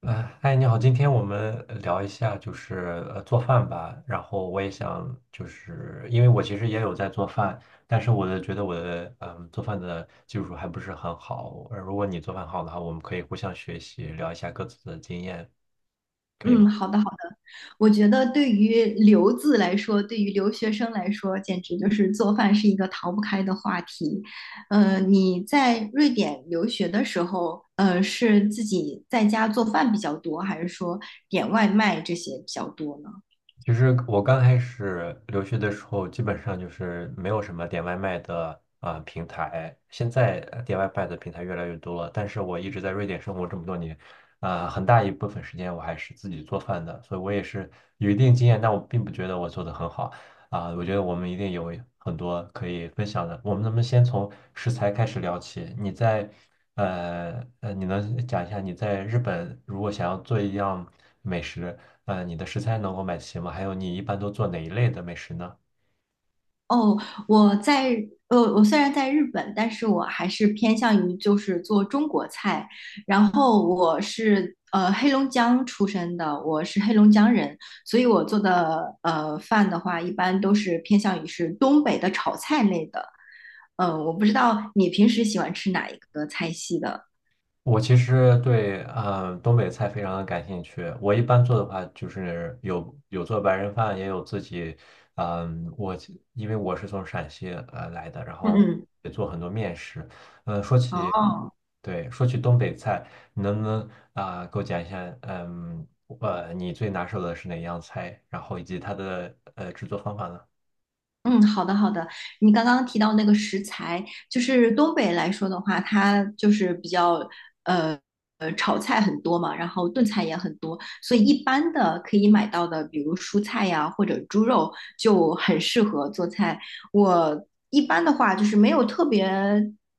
嗨，你好，今天我们聊一下就是做饭吧。然后我也想就是因为我其实也有在做饭，但是觉得我的做饭的技术还不是很好。如果你做饭好的话，我们可以互相学习，聊一下各自的经验。嗯，好的好的。我觉得对于留子来说，对于留学生来说，简直就是做饭是一个逃不开的话题。你在瑞典留学的时候，是自己在家做饭比较多，还是说点外卖这些比较多呢？其实我刚开始留学的时候，基本上就是没有什么点外卖的平台。现在点外卖的平台越来越多了，但是我一直在瑞典生活这么多年，很大一部分时间我还是自己做饭的，所以我也是有一定经验，但我并不觉得我做的很好。我觉得我们一定有很多可以分享的。我们能不能先从食材开始聊起？你能讲一下你在日本如果想要做一样美食？你的食材能够买齐吗？还有你一般都做哪一类的美食呢？哦，我在我虽然在日本，但是我还是偏向于就是做中国菜。然后我是黑龙江出生的，我是黑龙江人，所以我做的饭的话，一般都是偏向于是东北的炒菜类的。嗯、我不知道你平时喜欢吃哪一个菜系的。我其实对，东北菜非常的感兴趣。我一般做的话，就是有做白人饭，也有自己，嗯，我因为我是从陕西来的，然嗯后嗯。也做很多面食。哦。对，说起东北菜，你能不能给我讲一下，你最拿手的是哪样菜，然后以及它的制作方法呢？嗯，好的好的。你刚刚提到那个食材，就是东北来说的话，它就是比较呃炒菜很多嘛，然后炖菜也很多，所以一般的可以买到的，比如蔬菜呀或者猪肉，就很适合做菜。我一般的话就是没有特别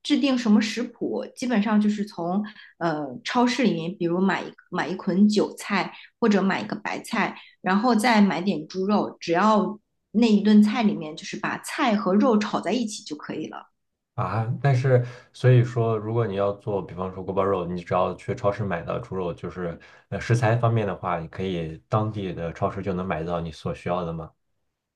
制定什么食谱，基本上就是从超市里面，比如买一捆韭菜或者买一个白菜。然后再买点猪肉，只要那一顿菜里面就是把菜和肉炒在一起就可以了。啊，但是所以说，如果你要做，比方说锅包肉，你只要去超市买到猪肉，就是食材方面的话，你可以当地的超市就能买到你所需要的吗？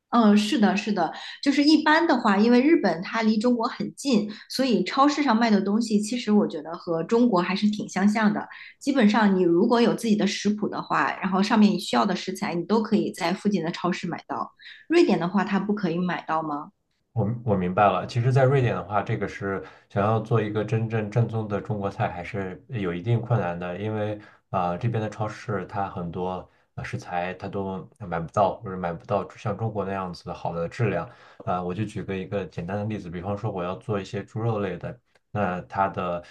嗯，是的，是的，就是一般的话，因为日本它离中国很近，所以超市上卖的东西，其实我觉得和中国还是挺相像的。基本上，你如果有自己的食谱的话，然后上面你需要的食材，你都可以在附近的超市买到。瑞典的话，它不可以买到吗？我明白了，其实，在瑞典的话，这个是想要做一个真正正宗的中国菜，还是有一定困难的，因为这边的超市它很多食材它都买不到，或者买不到像中国那样子好的质量。我就举个一个简单的例子，比方说我要做一些猪肉类的，那它的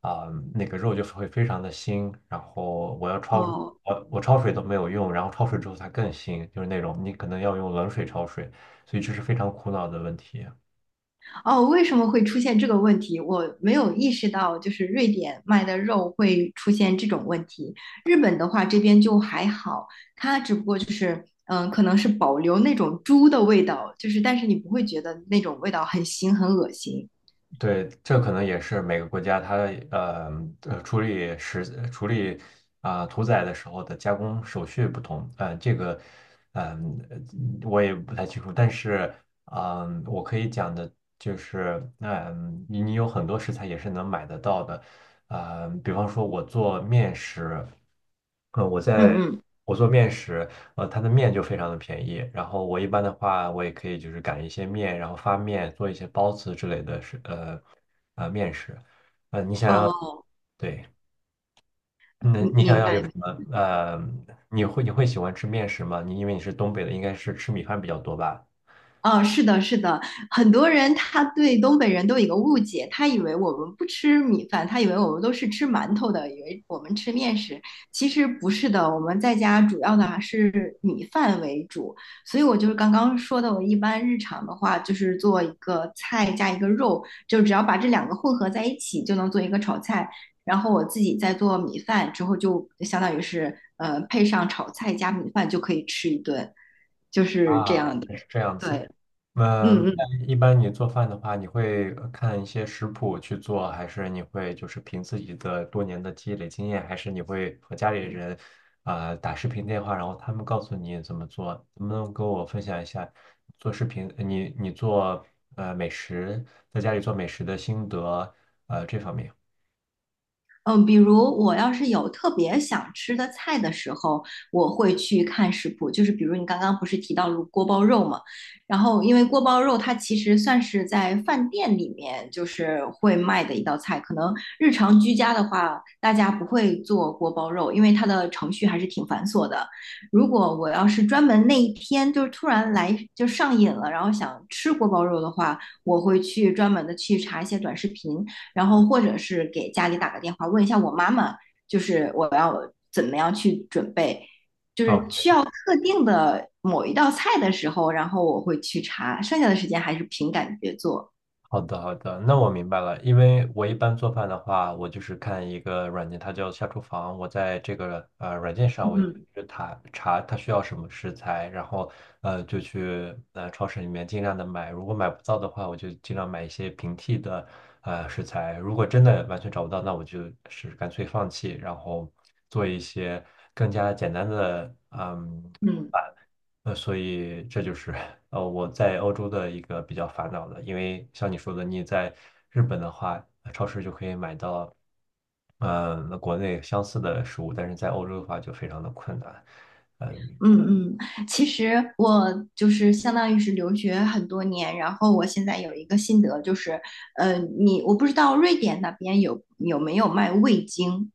啊、那个肉就是会非常的腥，然后我要焯，哦。我焯水都没有用，然后焯水之后它更腥，就是那种你可能要用冷水焯水。所以这是非常苦恼的问题。哦，为什么会出现这个问题？我没有意识到，就是瑞典卖的肉会出现这种问题。日本的话，这边就还好，它只不过就是，嗯，可能是保留那种猪的味道，就是，但是你不会觉得那种味道很腥很恶心。对，这可能也是每个国家它呃呃处理食处理啊、屠宰的时候的加工手续不同，这个嗯、呃我也不太清楚，但是我可以讲的就是，你有很多食材也是能买得到的，比方说我做面食，嗯，我在嗯嗯。我做面食，它的面就非常的便宜。然后我一般的话，我也可以就是擀一些面，然后发面，做一些包子之类的面食。呃，你想要哦，对，那明你想明要有什白。么？呃，你会喜欢吃面食吗？你因为你是东北的，应该是吃米饭比较多吧？哦，是的，是的，很多人他对东北人都有一个误解，他以为我们不吃米饭，他以为我们都是吃馒头的，以为我们吃面食。其实不是的，我们在家主要的还是米饭为主。所以我就是刚刚说的，我一般日常的话就是做一个菜加一个肉，就只要把这两个混合在一起，就能做一个炒菜。然后我自己再做米饭之后，就相当于是配上炒菜加米饭就可以吃一顿，就是这啊，样应的。该是这样子。对，嗯嗯那一般你做饭的话，你会看一些食谱去做，还是你会就是凭自己的多年的积累经验，还是你会和家里人打视频电话，然后他们告诉你怎么做？能不能跟我分享一下做视频，呃你做美食，在家里做美食的心得，这方面？嗯，比如我要是有特别想吃的菜的时候，我会去看食谱。就是比如你刚刚不是提到了锅包肉嘛，然后因为锅包肉它其实算是在饭店里面就是会卖的一道菜，可能日常居家的话，大家不会做锅包肉，因为它的程序还是挺繁琐的。如果我要是专门那一天就是突然来就上瘾了，然后想吃锅包肉的话，我会去专门的去查一些短视频。然后或者是给家里打个电话问一下我妈妈，就是我要怎么样去准备，就是需要特定的某一道菜的时候，然后我会去查，剩下的时间还是凭感觉做。好的，好的，那我明白了。因为我一般做饭的话，我就是看一个软件，它叫下厨房。我在这个软件上，我就嗯去查查它需要什么食材，然后就去超市里面尽量的买。如果买不到的话，我就尽量买一些平替的食材。如果真的完全找不到，那我就是干脆放弃，然后做一些更加简单的。嗯。所以这就是我在欧洲的一个比较烦恼的，因为像你说的，你在日本的话，超市就可以买到，那国内相似的食物，但是在欧洲的话就非常的困难。嗯，嗯嗯，其实我就是相当于是留学很多年，然后我现在有一个心得，就是，你我不知道瑞典那边有没有卖味精。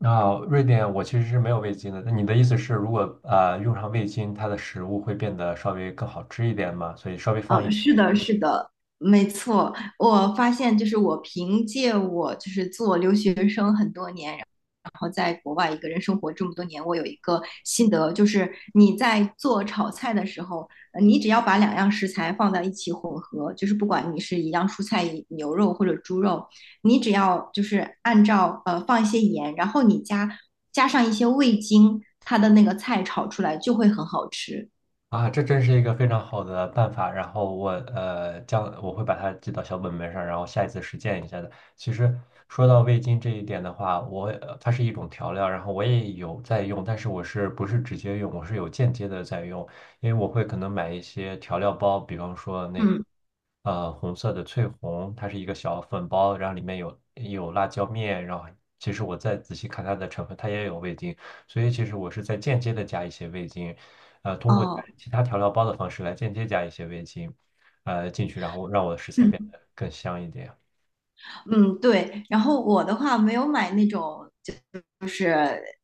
那瑞典我其实是没有味精的。那你的意思是，如果用上味精，它的食物会变得稍微更好吃一点吗？所以稍微放嗯，一。是的，是的，没错。我发现，就是我凭借我就是做留学生很多年，然后在国外一个人生活这么多年，我有一个心得，就是你在做炒菜的时候，你只要把两样食材放在一起混合，就是不管你是一样蔬菜、牛肉或者猪肉，你只要就是按照放一些盐，然后加上一些味精，它的那个菜炒出来就会很好吃。这真是一个非常好的办法。然后我会把它记到小本本上，然后下一次实践一下的。其实说到味精这一点的话，它是一种调料，然后我也有在用，但是我是不是直接用，我是有间接的在用，因为我会可能买一些调料包，比方说那个嗯，红色的翠红，它是一个小粉包，然后里面有辣椒面，然后其实我再仔细看它的成分，它也有味精。所以其实我是在间接的加一些味精，通过加哦。其他调料包的方式来间接加一些味精，进去，然后让我的食材变得更香一点。嗯，对。然后我的话没有买那种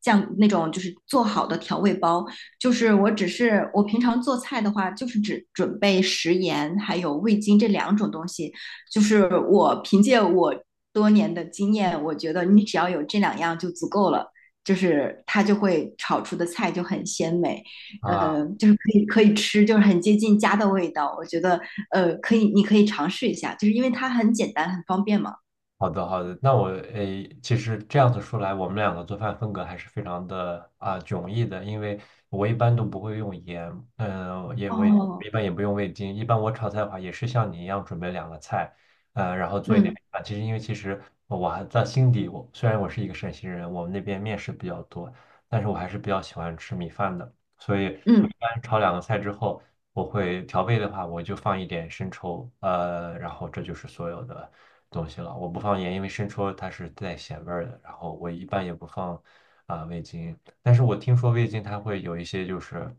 酱，那种就是做好的调味包，就是我只是我平常做菜的话，就是只准备食盐还有味精这两种东西。就是我凭借我多年的经验，我觉得你只要有这两样就足够了，就是它就会炒出的菜就很鲜美，啊。就是可以吃，就是很接近家的味道。我觉得可以，你可以尝试一下，就是因为它很简单很方便嘛。好的，好的。那我诶，其实这样子说来，我们两个做饭风格还是非常的迥异的，因为我一般都不会用盐，我也哦，一般也不用味精，一般我炒菜的话也是像你一样准备两个菜，然后做一点嗯。啊。其实我还在心底，我虽然我是一个陕西人，我们那边面食比较多，但是我还是比较喜欢吃米饭的，所以我一嗯，般炒两个菜之后，我会调味的话，我就放一点生抽，然后这就是所有的东西了。我不放盐，因为生抽它是带咸味儿的。然后我一般也不放味精，但是我听说味精它会有一些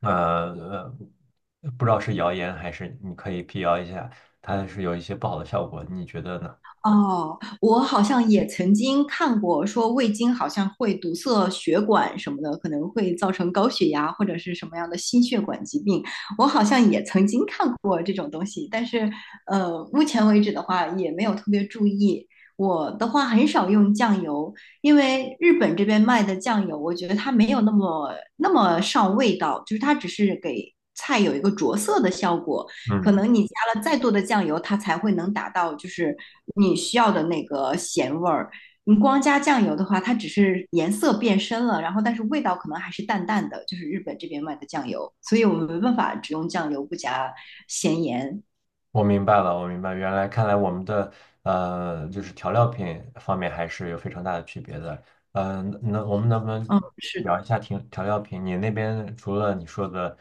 呃呃，不知道是谣言还是你可以辟谣一下，它是有一些不好的效果，你觉得呢？哦，我好像也曾经看过，说味精好像会堵塞血管什么的，可能会造成高血压或者是什么样的心血管疾病。我好像也曾经看过这种东西，但是目前为止的话也没有特别注意。我的话很少用酱油，因为日本这边卖的酱油，我觉得它没有那么上味道，就是它只是给菜有一个着色的效果。可嗯。能你加了再多的酱油，它才会能达到就是你需要的那个咸味儿。你光加酱油的话，它只是颜色变深了，然后但是味道可能还是淡淡的，就是日本这边卖的酱油，所以我们没办法只用酱油不加咸盐。我明白了，我明白，原来看来我们的就是调料品方面还是有非常大的区别的。那我们能不能嗯，是聊一下调料品？你那边除了你说的，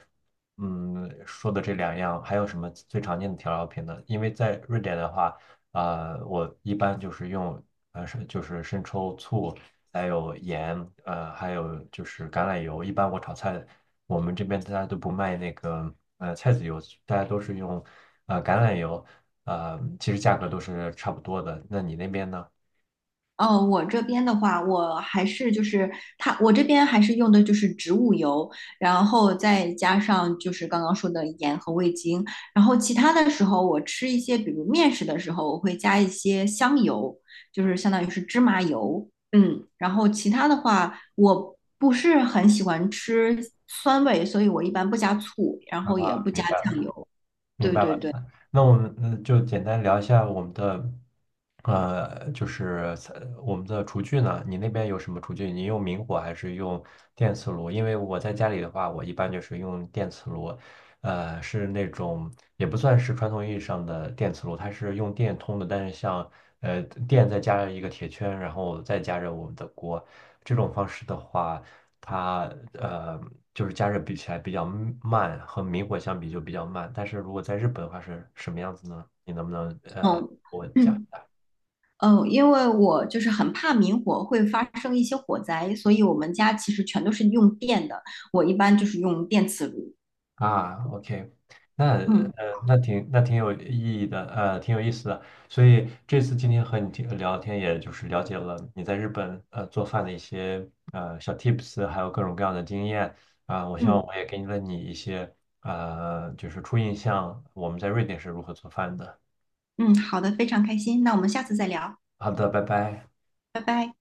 说的这两样，还有什么最常见的调料品呢？因为在瑞典的话，我一般就是用就是生抽、醋，还有盐，还有就是橄榄油。一般我炒菜，我们这边大家都不卖那个菜籽油，大家都是用橄榄油，其实价格都是差不多的。那你那边呢？哦，我这边的话，我还是就是它，我这边还是用的就是植物油，然后再加上就是刚刚说的盐和味精，然后其他的时候我吃一些，比如面食的时候，我会加一些香油，就是相当于是芝麻油，嗯，然后其他的话，我不是很喜欢吃酸味，所以我一般不加醋，然啊，后也不加明白酱了，油，明对白对了。对，那我们就简单聊一下我们的，就是我们的厨具呢，你那边有什么厨具？你用明火还是用电磁炉？因为我在家里的话，我一般就是用电磁炉，是那种也不算是传统意义上的电磁炉，它是用电通的，但是像呃电再加上一个铁圈，然后再加热我们的锅，这种方式的话。它呃就是加热比起来比较慢，和明火相比就比较慢。但是如果在日本的话是什么样子呢？你能不能给嗯，我讲一 嗯。下嗯，因为我就是很怕明火会发生一些火灾，所以我们家其实全都是用电的。我一般就是用电磁炉。OK，那嗯呃那挺那挺有意义的，挺有意思的。所以这次今天和你听聊天，也就是了解了你在日本做饭的一些小 tips，还有各种各样的经验。我希望嗯我也给了你一些初印象，我们在瑞典是如何做饭的。嗯，好的，非常开心。那我们下次再聊，好的，拜拜。拜拜。